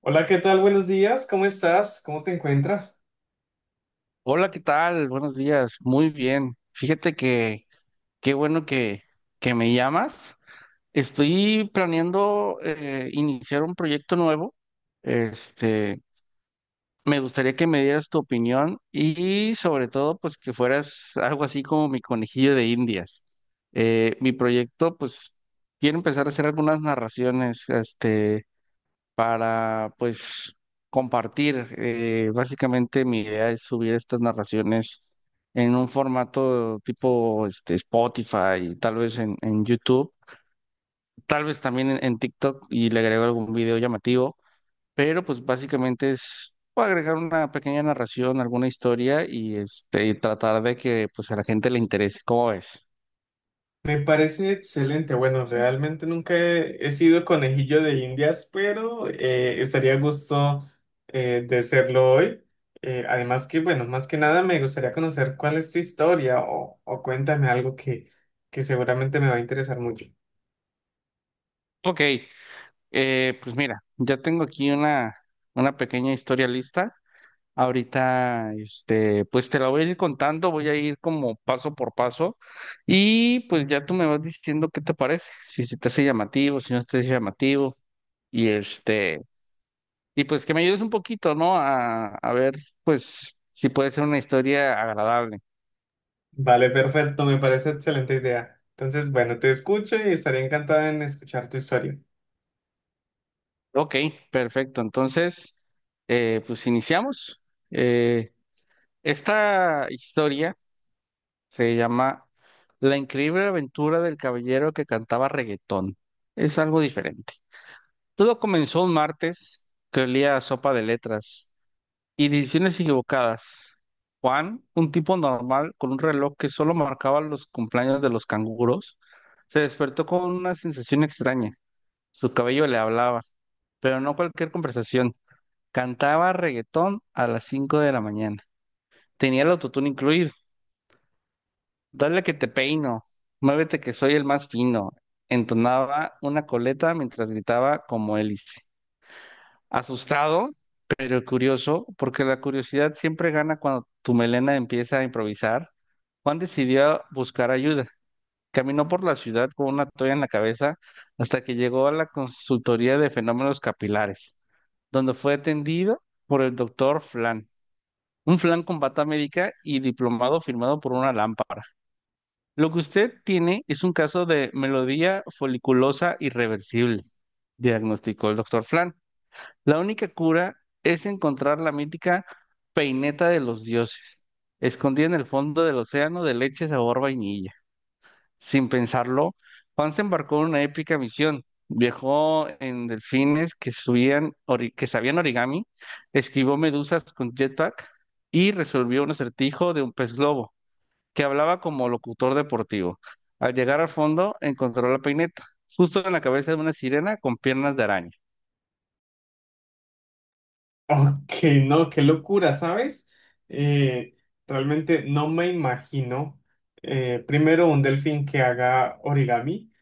Hola, ¿qué tal? Buenos días, ¿cómo estás? ¿Cómo te encuentras? Hola, ¿qué tal? Buenos días. Muy bien. Fíjate que qué bueno que me llamas. Estoy planeando iniciar un proyecto nuevo. Este, me gustaría que me dieras tu opinión y sobre todo, pues que fueras algo así como mi conejillo de Indias. Mi proyecto, pues, quiero empezar a hacer algunas narraciones, para pues compartir. Básicamente mi idea es subir estas narraciones en un formato tipo Spotify y tal vez en YouTube, tal vez también en TikTok y le agrego algún video llamativo, pero pues básicamente es agregar una pequeña narración, alguna historia tratar de que pues a la gente le interese. ¿Cómo ves? Me parece excelente. Bueno, realmente nunca he sido conejillo de Indias, pero estaría a gusto de serlo hoy. Además que, bueno, más que nada me gustaría conocer cuál es tu historia o cuéntame algo que seguramente me va a interesar mucho. Ok, pues mira, ya tengo aquí una pequeña historia lista. Ahorita, pues te la voy a ir contando, voy a ir como paso por paso y pues ya tú me vas diciendo qué te parece, si se te hace llamativo, si no se te hace llamativo y este, y pues que me ayudes un poquito, ¿no? A ver, pues si puede ser una historia agradable. Vale, perfecto, me parece excelente idea. Entonces, bueno, te escucho y estaría encantado en escuchar tu historia. Ok, perfecto. Entonces, pues iniciamos. Eh, esta historia se llama La increíble aventura del caballero que cantaba reggaetón. Es algo diferente. Todo comenzó un martes que olía a sopa de letras y decisiones equivocadas. Juan, un tipo normal con un reloj que solo marcaba los cumpleaños de los canguros, se despertó con una sensación extraña. Su cabello le hablaba, pero no cualquier conversación. Cantaba reggaetón a las 5 de la mañana. Tenía el autotune incluido. Dale que te peino, muévete que soy el más fino. Entonaba una coleta mientras gritaba como hélice. Asustado, pero curioso, porque la curiosidad siempre gana cuando tu melena empieza a improvisar. Juan decidió buscar ayuda. Caminó por la ciudad con una toalla en la cabeza hasta que llegó a la consultoría de fenómenos capilares, donde fue atendido por el doctor Flan, un Flan con bata médica y diplomado firmado por una lámpara. Lo que usted tiene es un caso de melodía foliculosa irreversible, diagnosticó el doctor Flan. La única cura es encontrar la mítica peineta de los dioses, escondida en el fondo del océano de leche sabor vainilla. Sin pensarlo, Juan se embarcó en una épica misión. Viajó en delfines que sabían origami, esquivó medusas con jetpack y resolvió un acertijo de un pez globo, que hablaba como locutor deportivo. Al llegar al fondo, encontró la peineta, justo en la cabeza de una sirena con piernas de araña. Ok, no, qué locura, ¿sabes? Eh, Realmente no me imagino primero un delfín que haga origami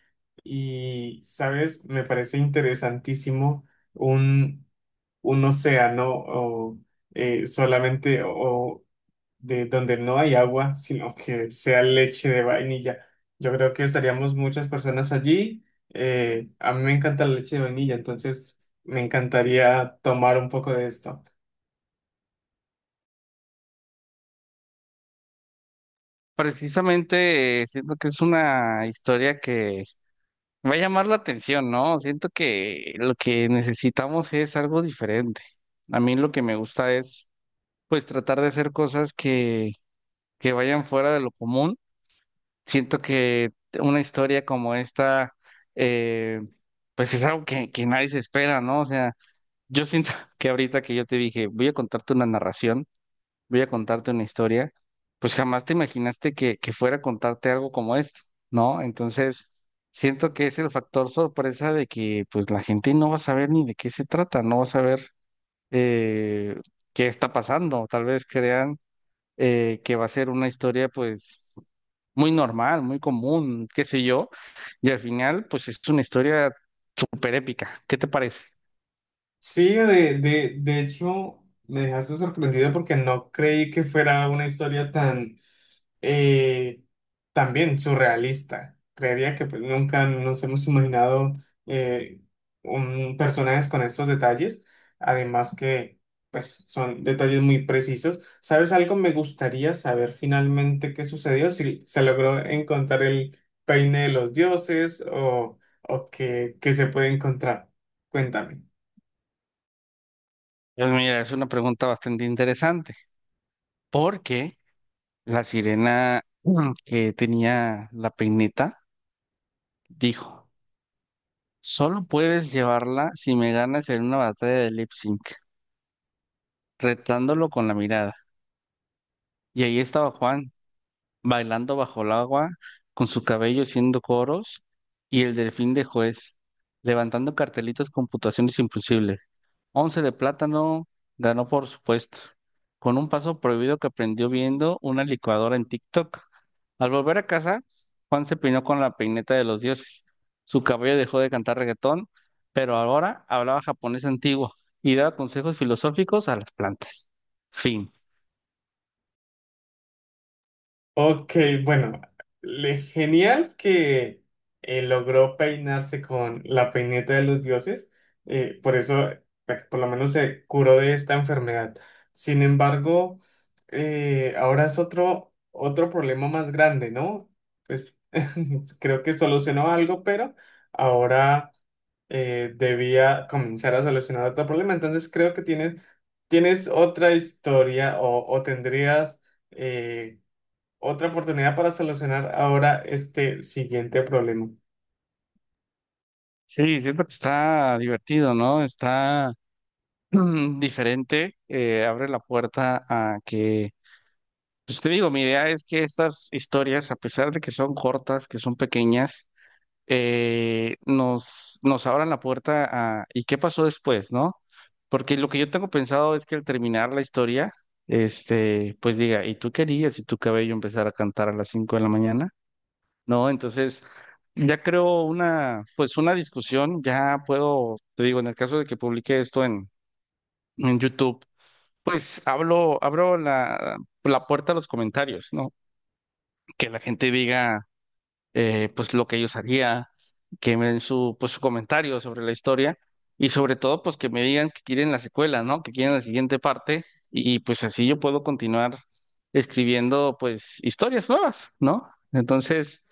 y, ¿sabes? Me parece interesantísimo un, un océano solamente o de donde no hay agua, sino que sea leche de vainilla. Yo creo que estaríamos muchas personas allí. A mí me encanta la leche de vainilla, entonces me encantaría tomar un poco de esto. Precisamente siento que es una historia que va a llamar la atención, ¿no? Siento que lo que necesitamos es algo diferente. A mí lo que me gusta es, pues, tratar de hacer cosas que vayan fuera de lo común. Siento que una historia como esta, eh, pues, es algo que nadie se espera, ¿no? O sea, yo siento que ahorita que yo te dije, voy a contarte una historia, pues jamás te imaginaste que fuera a contarte algo como esto, ¿no? Entonces, siento que es el factor sorpresa de que pues la gente no va a saber ni de qué se trata, no va a saber eh, qué está pasando. Tal vez crean que va a ser una historia pues muy normal, muy común, qué sé yo, y al final pues es una historia súper épica. ¿Qué te parece? Sí, de hecho, me dejaste sorprendido porque no creí que fuera una historia tan, eh, también surrealista. Creería que pues, nunca nos hemos imaginado eh, un, personajes con estos detalles, además que pues, son detalles muy precisos. ¿Sabes algo? Me gustaría saber finalmente qué sucedió, si se logró encontrar el peine de los dioses o qué, qué se puede encontrar. Cuéntame. Pues mira, es una pregunta bastante interesante, porque... La sirena que tenía la peineta dijo, solo puedes llevarla si me ganas en una batalla de lip sync, retándolo con la mirada. Y ahí estaba Juan, bailando bajo el agua, con su cabello haciendo coros, y el delfín de juez, levantando cartelitos con puntuaciones imposibles. 11 de plátano ganó, por supuesto, con un paso prohibido que aprendió viendo una licuadora en TikTok. Al volver a casa, Juan se peinó con la peineta de los dioses. Su cabello dejó de cantar reggaetón, pero ahora hablaba japonés antiguo y daba consejos filosóficos a las plantas. Fin. Ok, bueno, genial que logró peinarse con la peineta de los dioses, por eso, bueno, por lo menos se curó de esta enfermedad. Sin embargo, ahora es otro, otro problema más grande, ¿no? Pues creo que solucionó algo, pero ahora debía comenzar a solucionar otro problema. Entonces creo que tienes otra historia o tendrías eh, otra oportunidad para solucionar ahora este siguiente problema. Sí, siento que está divertido, ¿no? Está diferente, abre la puerta a que, pues te digo, mi idea es que estas historias, a pesar de que son cortas, que son pequeñas, nos abran la puerta a ¿y qué pasó después, no? Porque lo que yo tengo pensado es que al terminar la historia, pues diga, ¿y tú querías si tu cabello empezara a cantar a las 5 de la mañana? No, entonces ya creo pues una discusión, ya puedo, te digo, en el caso de que publique esto en, YouTube, pues hablo, abro la puerta a los comentarios, ¿no? Que la gente diga, pues lo que ellos haría, que me den pues, su comentario sobre la historia y sobre todo pues que me digan que quieren la secuela, ¿no? Que quieren la siguiente parte y pues así yo puedo continuar escribiendo pues historias nuevas, ¿no? Entonces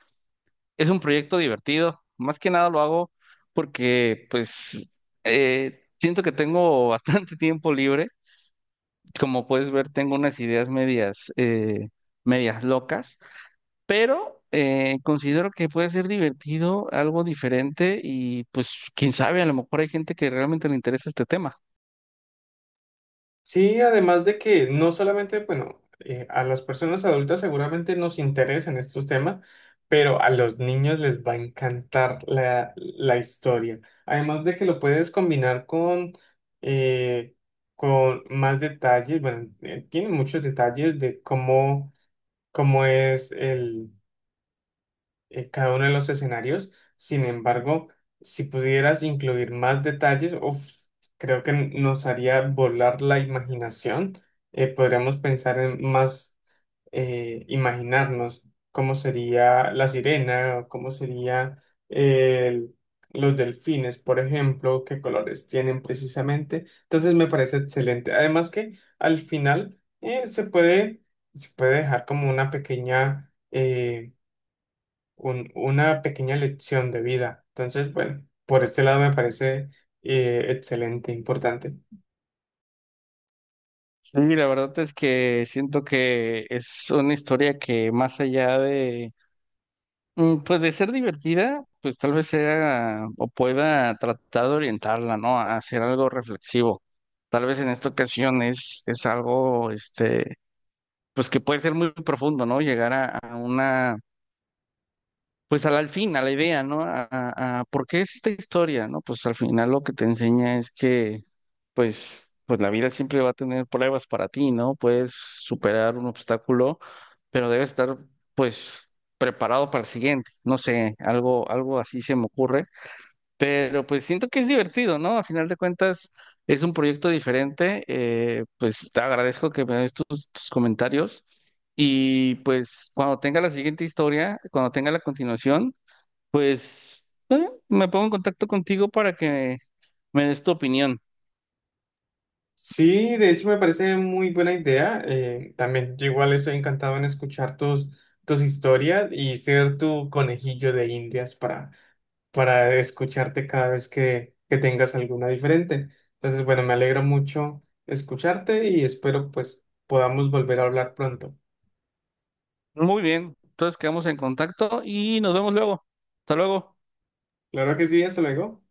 es un proyecto divertido, más que nada lo hago porque pues siento que tengo bastante tiempo libre, como puedes ver tengo unas ideas medias locas pero considero que puede ser divertido, algo diferente y pues quién sabe, a lo mejor hay gente que realmente le interesa este tema. Sí, además de que no solamente, bueno, a las personas adultas seguramente nos interesan estos temas, pero a los niños les va a encantar la historia. Además de que lo puedes combinar eh, con más detalles, bueno, tiene muchos detalles de cómo, cómo es cada uno de los escenarios. Sin embargo, si pudieras incluir más detalles, uf, creo que nos haría volar la imaginación. Podríamos pensar en más, imaginarnos cómo sería la sirena, o cómo sería eh, el- los delfines, por ejemplo, qué colores tienen precisamente. Entonces me parece excelente. Además que al final se puede dejar como una pequeña... una pequeña lección de vida. Entonces, bueno, por este lado me parece excelente, importante. Sí, la verdad es que siento que es una historia que más allá de, pues de ser divertida, pues tal vez sea o pueda tratar de orientarla, ¿no? A hacer algo reflexivo. Tal vez en esta ocasión es algo, pues que puede ser muy profundo, ¿no? Llegar a una pues al fin, a la idea, ¿no? A por qué es esta historia, ¿no? Pues al final lo que te enseña es que, pues la vida siempre va a tener pruebas para ti, ¿no? Puedes superar un obstáculo, pero debes estar, pues, preparado para el siguiente. No sé, algo así se me ocurre, pero pues siento que es divertido, ¿no? A final de cuentas es un proyecto diferente. Pues te agradezco que me des tus comentarios. Y pues cuando tenga la siguiente historia, cuando tenga la continuación, pues me pongo en contacto contigo para que me des tu opinión. Sí, de hecho me parece muy buena idea. También yo igual estoy encantado en escuchar tus, tus historias y ser tu conejillo de indias para escucharte cada vez que tengas alguna diferente. Entonces, bueno, me alegra mucho escucharte y espero pues podamos volver a hablar pronto. Muy bien, entonces quedamos en contacto y nos vemos luego. Hasta luego. Claro que sí, hasta luego.